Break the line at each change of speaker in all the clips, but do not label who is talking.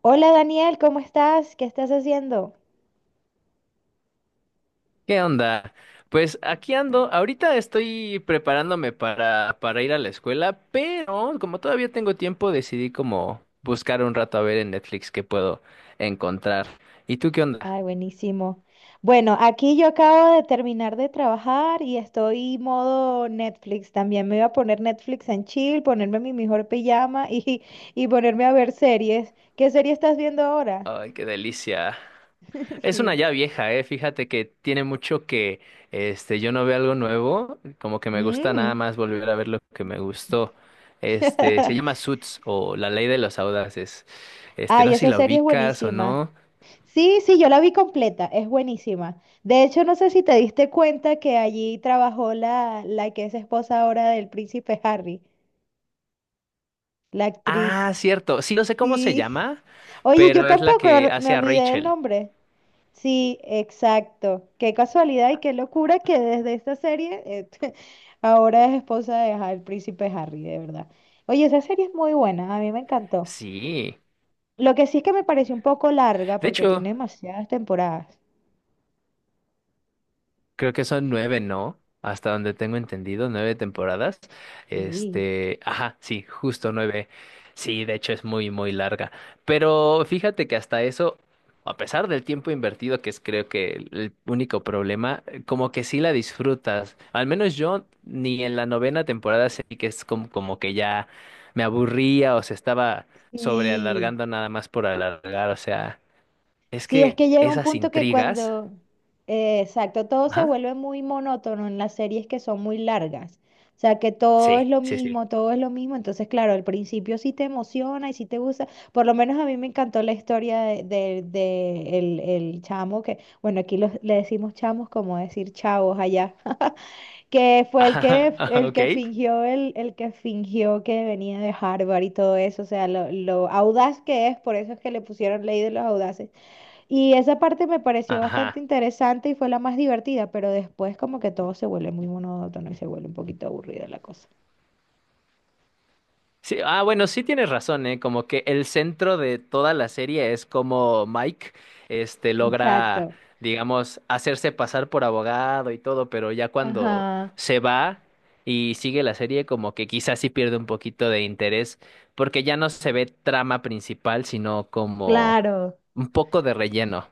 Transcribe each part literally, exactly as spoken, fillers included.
Hola Daniel, ¿cómo estás? ¿Qué estás haciendo?
¿Qué onda? Pues aquí ando. Ahorita estoy preparándome para, para ir a la escuela, pero como todavía tengo tiempo, decidí como buscar un rato a ver en Netflix qué puedo encontrar. ¿Y tú qué onda?
Ay, buenísimo. Bueno, aquí yo acabo de terminar de trabajar y estoy modo Netflix. También me voy a poner Netflix en chill, ponerme mi mejor pijama y, y ponerme a ver series. ¿Qué serie estás viendo ahora?
Ay, qué delicia. Es una
Sí.
ya vieja, eh. Fíjate que tiene mucho que este yo no veo algo nuevo, como que me gusta nada
Mm.
más volver a ver lo que me gustó. Este se llama Suits o La Ley de los Audaces. Este,
Ay,
no sé si
esa
la
serie es
ubicas o
buenísima.
no.
Sí, sí, yo la vi completa, es buenísima. De hecho, no sé si te diste cuenta que allí trabajó la, la que es esposa ahora del príncipe Harry. La
Ah,
actriz.
cierto. Sí, no sé cómo se
Sí.
llama,
Oye, yo
pero es la
tampoco
que
er- me
hace a
olvidé del
Rachel.
nombre. Sí, exacto. Qué casualidad y qué locura que desde esta serie eh, ahora es esposa de Ha- el príncipe Harry, de verdad. Oye, esa serie es muy buena, a mí me encantó.
Sí.
Lo que sí es que me pareció un poco larga
De
porque
hecho,
tiene demasiadas temporadas.
creo que son nueve, ¿no? Hasta donde tengo entendido, nueve temporadas.
Sí.
Este, ajá, sí, justo nueve. Sí, de hecho es muy, muy larga. Pero fíjate que hasta eso, a pesar del tiempo invertido, que es creo que el el único problema, eh, como que sí la disfrutas. Al menos yo ni en la novena temporada sentí que es como, como que ya me aburría o se estaba
Sí.
sobrealargando nada más por alargar. O sea, es
Sí, es
que
que llega un
esas
punto que
intrigas,
cuando, eh, exacto, todo se
ajá,
vuelve muy monótono en las series que son muy largas. O sea, que todo es
sí,
lo
sí, sí.
mismo, todo es lo mismo. Entonces, claro, al principio sí te emociona y sí te gusta. Por lo menos a mí me encantó la historia de, de- de el, el chamo que, bueno, aquí los- le decimos chamos como decir chavos allá, que fue el
Ajá,
que,
ajá,
el
ok.
que fingió, el, el que fingió que venía de Harvard y todo eso. O sea, lo, lo audaz que es, por eso es que le pusieron ley de los audaces y esa parte me pareció bastante
Ajá.
interesante y fue la más divertida, pero después como que todo se vuelve muy monótono y se vuelve un poquito aburrida la cosa.
Sí, ah, bueno, sí tienes razón, ¿eh? Como que el centro de toda la serie es como Mike, este, logra,
Exacto.
digamos, hacerse pasar por abogado y todo, pero ya cuando
Ajá,
se va y sigue la serie, como que quizás sí pierde un poquito de interés, porque ya no se ve trama principal, sino como
claro.
un poco de relleno.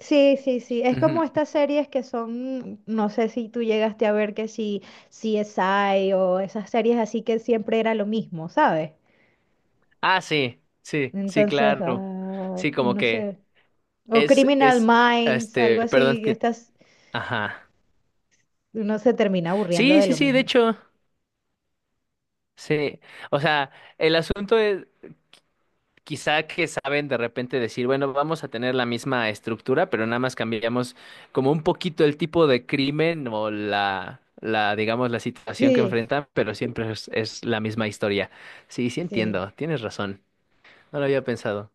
Sí, sí, sí. Es como
Ujú.
estas series que son, no sé si tú llegaste a ver que si C S I o esas series así que siempre era lo mismo, ¿sabes?
Ah, sí, sí, sí,
Entonces,
claro.
ah,
Sí, como
uno
que
se... O
es,
Criminal
es,
Minds, algo
este, perdón
así,
que…
estas,
Ajá.
uno se termina aburriendo
Sí,
de
sí,
lo
sí, de
mismo.
hecho, sí. O sea, el asunto es quizá que saben de repente decir, bueno, vamos a tener la misma estructura, pero nada más cambiamos como un poquito el tipo de crimen o la, la, digamos, la situación que
Sí,
enfrentan, pero siempre es, es la misma historia. Sí, sí entiendo, tienes razón. No lo había pensado.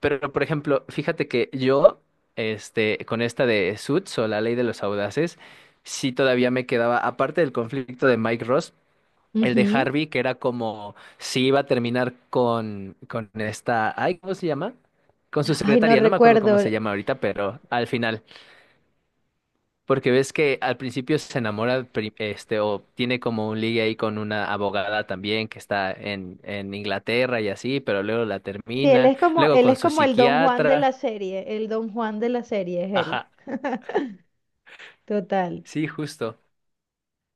Pero, por ejemplo, fíjate que yo, este, con esta de Suits o la ley de los audaces, sí todavía me quedaba, aparte del conflicto de Mike Ross, el de
sí.
Harvey, que era como si iba a terminar con, con esta, ay, ¿cómo se llama? Con su
Ay, no
secretaria, no me acuerdo cómo
recuerdo.
se llama ahorita, pero al final, porque ves que al principio se enamora, pri- este, o tiene como un ligue ahí con una abogada también que está en, en Inglaterra y así, pero luego la
Sí, él
termina,
es como,
luego
él
con
es
su
como el Don Juan de
psiquiatra,
la serie. El Don Juan de la serie es él.
ajá,
Total.
sí, justo.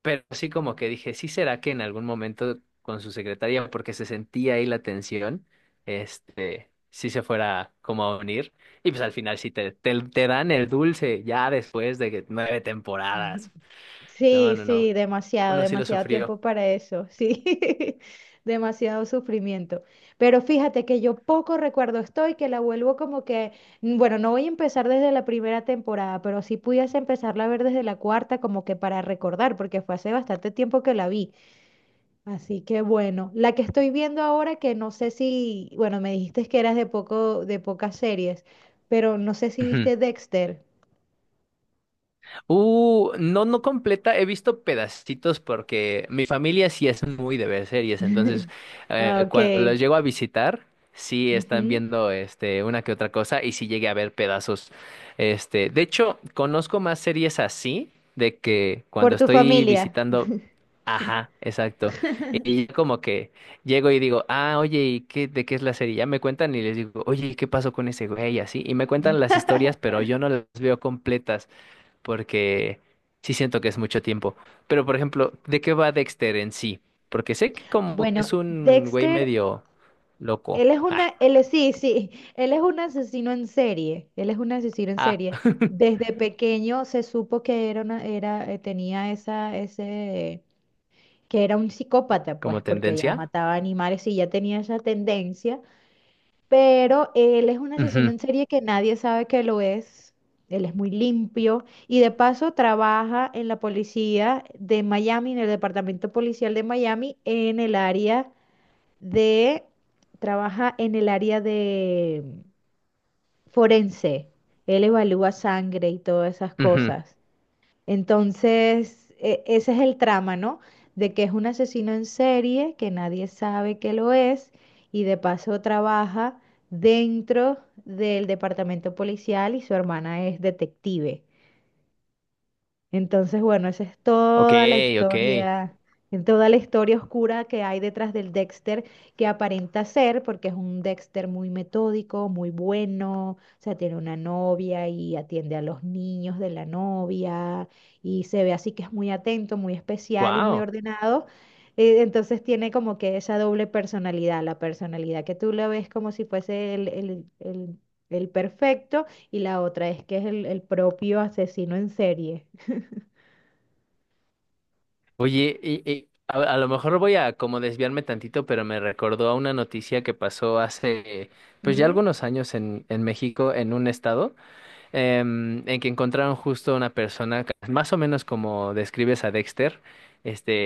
Pero sí como que dije, sí será que en algún momento con su secretaria, porque se sentía ahí la tensión, este, sí se fuera como a unir. Y pues al final sí te, te, te dan el dulce ya después de que nueve
Ujú.
temporadas. No,
Sí,
no, no.
sí, demasiado,
Uno sí lo
demasiado
sufrió.
tiempo para eso. Sí, demasiado sufrimiento. Pero fíjate que yo poco recuerdo estoy, que la vuelvo como que, mm, bueno, no voy a empezar desde la primera temporada, pero si pudiese empezarla a ver desde la cuarta, como que para recordar, porque fue hace bastante tiempo que la vi. Así que bueno, la que estoy viendo ahora que no sé si, bueno, me dijiste que eras de poco, de pocas series, pero no sé si viste Dexter.
Uh, no, no completa. He visto pedacitos porque mi familia sí es muy de ver series. Entonces,
Ah,
eh, cuando
ok.
los llego a visitar, sí están
Ujú.
viendo este, una que otra cosa y sí llegué a ver pedazos. Este, de hecho, conozco más series así de que
Por
cuando
tu
estoy
familia.
visitando. Ajá, exacto. Y ya como que llego y digo, ah, oye, ¿y qué, de qué es la serie? Ya me cuentan y les digo, oye, ¿y qué pasó con ese güey? Y así. Y me cuentan las historias, pero yo no las veo completas porque sí siento que es mucho tiempo. Pero, por ejemplo, ¿de qué va Dexter en sí? Porque sé que como que
Bueno,
es un güey
Dexter,
medio loco.
él es
Ah,
una, él es- sí, sí, él es un asesino en serie, él es un asesino en
ah,
serie. Desde pequeño se supo que era una, era, eh, tenía esa, ese que era un psicópata, pues,
como
porque ya
tendencia.
mataba animales y ya tenía esa tendencia, pero él es un asesino
Ujú,
en serie que nadie sabe que lo es. Él es muy limpio y de paso trabaja en la policía de Miami, en el departamento policial de Miami, en el área de, trabaja en el área de forense. Él evalúa sangre y todas esas
ujú.
cosas. Entonces, e- ese es el trama, ¿no? De que es un asesino en serie, que nadie sabe que lo es, y de paso trabaja dentro del departamento policial y su hermana es detective. Entonces, bueno, esa es
Ok,
toda la
ok.
historia, en toda la historia oscura que hay detrás del Dexter, que aparenta ser, porque es un Dexter muy metódico, muy bueno, o sea, tiene una novia y atiende a los niños de la novia, y se ve así que es muy atento, muy especial y muy
Wow.
ordenado. Eh, Entonces tiene como que esa doble personalidad, la personalidad que tú la ves como si fuese el, el- el- el perfecto y la otra es que es el el propio asesino en serie.
Oye, y, y a, a lo mejor voy a como desviarme tantito, pero me recordó a una noticia que pasó hace, pues ya
Mm,
algunos años en, en México, en un estado. Em, en que encontraron justo una persona, ca- más o menos como describes a Dexter.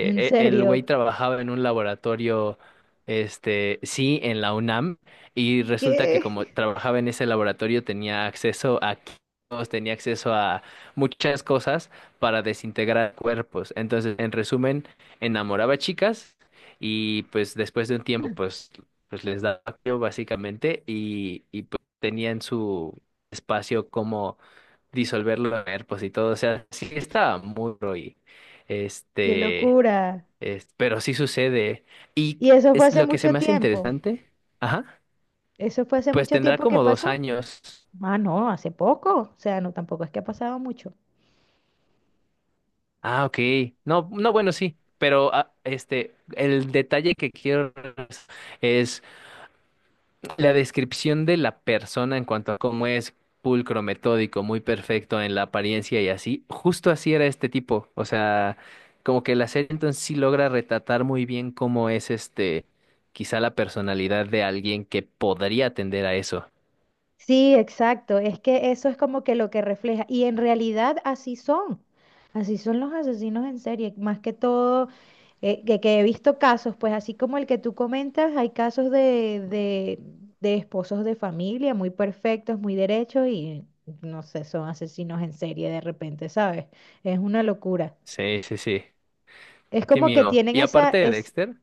¿en
e- El
serio?
güey trabajaba en un laboratorio, este, sí, en la UNAM, y resulta que como
¿Qué?
trabajaba en ese laboratorio tenía acceso a químicos, tenía acceso a muchas cosas para desintegrar cuerpos. Entonces, en resumen, enamoraba a chicas y pues después de un tiempo, pues, pues les daba frío, básicamente y, y pues tenían su espacio, cómo disolverlo en cuerpos y todo. O sea, sí estaba muy duro y
¡Qué
este,
locura!
es- pero sí sucede. Y
¿Y eso fue
es
hace
lo que se
mucho
me hace
tiempo?
interesante, ajá,
¿Eso fue hace
pues
mucho
tendrá
tiempo que
como dos
pasó?
años.
Ah, no, hace poco. O sea, no, tampoco es que ha pasado mucho.
Ah, ok. No, no, bueno, sí. Pero ah, este, el detalle que quiero es la descripción de la persona en cuanto a cómo es pulcro, metódico, muy perfecto en la apariencia y así, justo así era este tipo. O sea, como que la serie entonces sí logra retratar muy bien cómo es este, quizá la personalidad de alguien que podría tender a eso.
Sí, exacto. Es que eso es como que lo que refleja. Y en realidad así son. Así son los asesinos en serie. Más que todo, eh, que, que he visto casos, pues así como el que tú comentas, hay casos de, de, de esposos de familia muy perfectos, muy derechos y no sé, son asesinos en serie de repente, ¿sabes? Es una locura.
Sí, sí, sí.
Es
Qué
como que
miedo.
tienen
Y aparte
esa,
de Dexter,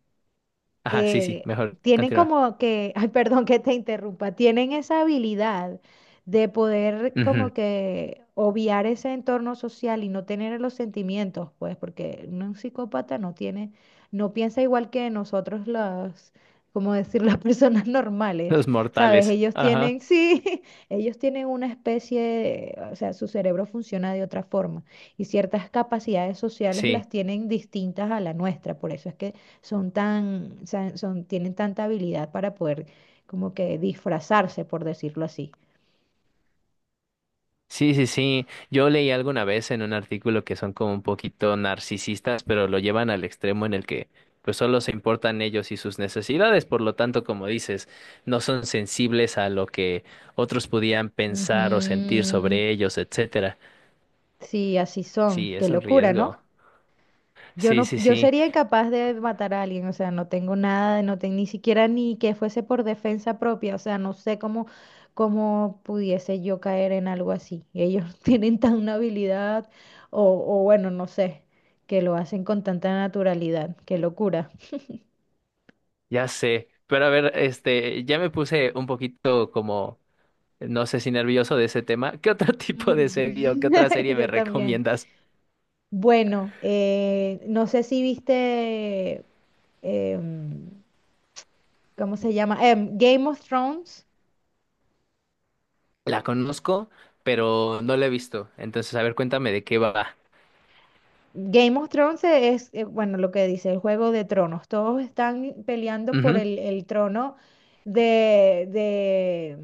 ajá, sí, sí,
eh,
mejor
tienen
continúa.
como que, ay, perdón que te interrumpa, tienen esa habilidad de poder
Ujú.
como que obviar ese entorno social y no tener los sentimientos, pues, porque un psicópata no tiene, no piensa igual que nosotros los, como decir, las personas normales,
Los
¿sabes?
mortales.
Ellos
Ajá.
tienen, sí, ellos tienen una especie de, o sea, su cerebro funciona de otra forma y ciertas capacidades sociales
Sí.
las tienen distintas a la nuestra, por eso es que son tan, sa- son, tienen tanta habilidad para poder como que disfrazarse, por decirlo así.
Sí, sí, sí. Yo leí alguna vez en un artículo que son como un poquito narcisistas, pero lo llevan al extremo en el que pues solo se importan ellos y sus necesidades, por lo tanto, como dices, no son sensibles a lo que otros pudieran pensar o sentir
Ujú.
sobre ellos, etcétera.
Sí, así son.
Sí,
Qué
es un
locura,
riesgo.
¿no? Yo
Sí,
no,
sí,
yo
sí,
sería incapaz de matar a alguien, o sea, no tengo nada, no tengo ni siquiera ni que fuese por defensa propia, o sea, no sé cómo, cómo pudiese yo caer en algo así. Ellos tienen tan una habilidad, o, o bueno, no sé, que lo hacen con tanta naturalidad, qué locura.
ya sé. Pero a ver, este, ya me puse un poquito como, no sé si nervioso de ese tema. ¿Qué otro tipo de serie o qué otra
Mm.
serie me
Yo también.
recomiendas?
Bueno, eh, no sé si viste, em, ¿cómo se llama? Em, Game of Thrones.
La conozco, pero no la he visto. Entonces, a ver, cuéntame de qué va.
Game of Thrones es, eh, bueno, lo que dice el Juego de Tronos. Todos están peleando por
Ujú,
el, el trono de, de,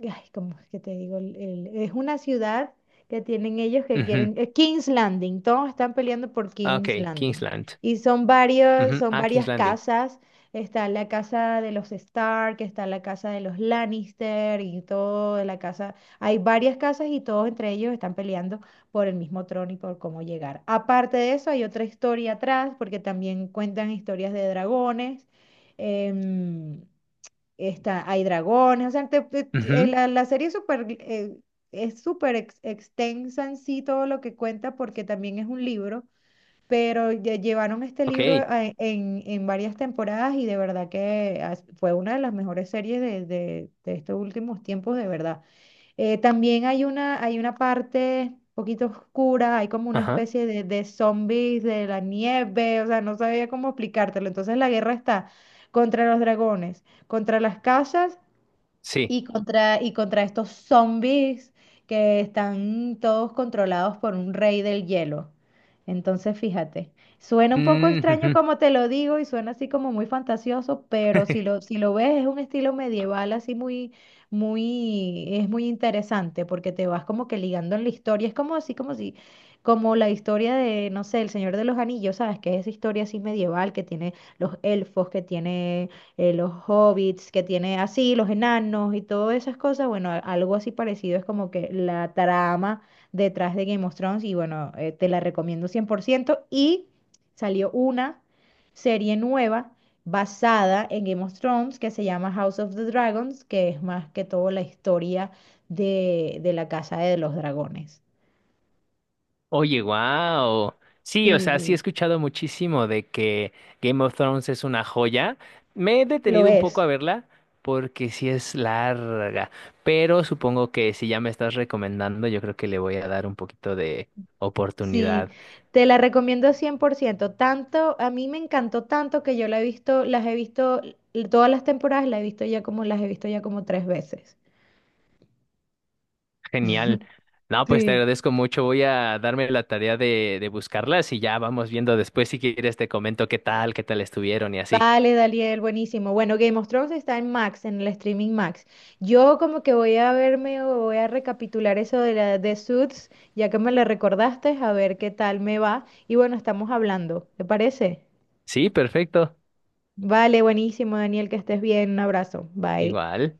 mm, ay, ¿cómo es que te digo? El- el- es una ciudad que tienen ellos que
ujú.
quieren, eh, King's Landing. Todos están peleando por
Ah,
King's
ok,
Landing.
Kingsland.
Y son varios,
Ujú,
son
ah, King's
varias
Landing.
casas. Está la casa de los Stark, está la casa de los Lannister y todo, la casa. Hay varias casas y todos entre ellos están peleando por el mismo trono y por cómo llegar. Aparte de eso, hay otra historia atrás, porque también cuentan historias de dragones. em, está, hay dragones, o sea, te- te- eh,
Ujú,
la, la serie es súper eh, es súper ex- extensa en sí todo lo que cuenta, porque también es un libro, pero ya llevaron este libro
ok.
a- en, en varias temporadas y de verdad que as- fue una de las mejores series de, de de estos últimos tiempos, de verdad. Eh, también hay una, hay una parte un poquito oscura, hay como una
Ajá.
especie de, de zombies de la nieve, o sea, no sabía cómo explicártelo. Entonces la guerra está contra los dragones, contra las casas
Sí.
y contra, y contra estos zombies que están todos controlados por un rey del hielo. Entonces, fíjate, suena un poco
Mm,
extraño
ujú.
como te lo digo y suena así como muy fantasioso, pero si lo, si lo ves es un estilo medieval así muy, muy, es muy interesante porque te vas como que ligando en la historia. Es como así como si, como la historia de, no sé, El Señor de los Anillos, ¿sabes? Que es esa historia así medieval que tiene los elfos, que tiene eh, los hobbits que tiene así, los enanos y todas esas cosas, bueno, a- algo así parecido es como que la trama detrás de Game of Thrones y bueno, eh, te la recomiendo cien por ciento y salió una serie nueva basada en Game of Thrones que se llama House of the Dragons, que es más que todo la historia de, de la Casa de los Dragones.
Oye, wow. Sí, o
Sí,
sea, sí he
sí,
escuchado muchísimo de que Game of Thrones es una joya. Me he
lo
detenido un poco
es.
a verla porque sí es larga, pero supongo que si ya me estás recomendando, yo creo que le voy a dar un poquito de
Sí,
oportunidad.
te la recomiendo cien por ciento. Tanto, a mí me encantó tanto que yo la he visto, las he visto, l- todas las temporadas la he visto ya como, las he visto ya como tres veces.
Genial. No, pues te
Sí.
agradezco mucho. Voy a darme la tarea de, de buscarlas y ya vamos viendo después si quieres te comento qué tal, qué tal estuvieron y así.
Vale, Daniel, buenísimo. Bueno, Game of Thrones está en Max, en el streaming Max. Yo como que voy a verme o voy a recapitular eso de la de Suits, ya que me la recordaste, a ver qué tal me va. Y bueno, estamos hablando, ¿te parece?
Sí, perfecto.
Vale, buenísimo, Daniel, que estés bien. Un abrazo. Bye.
Igual.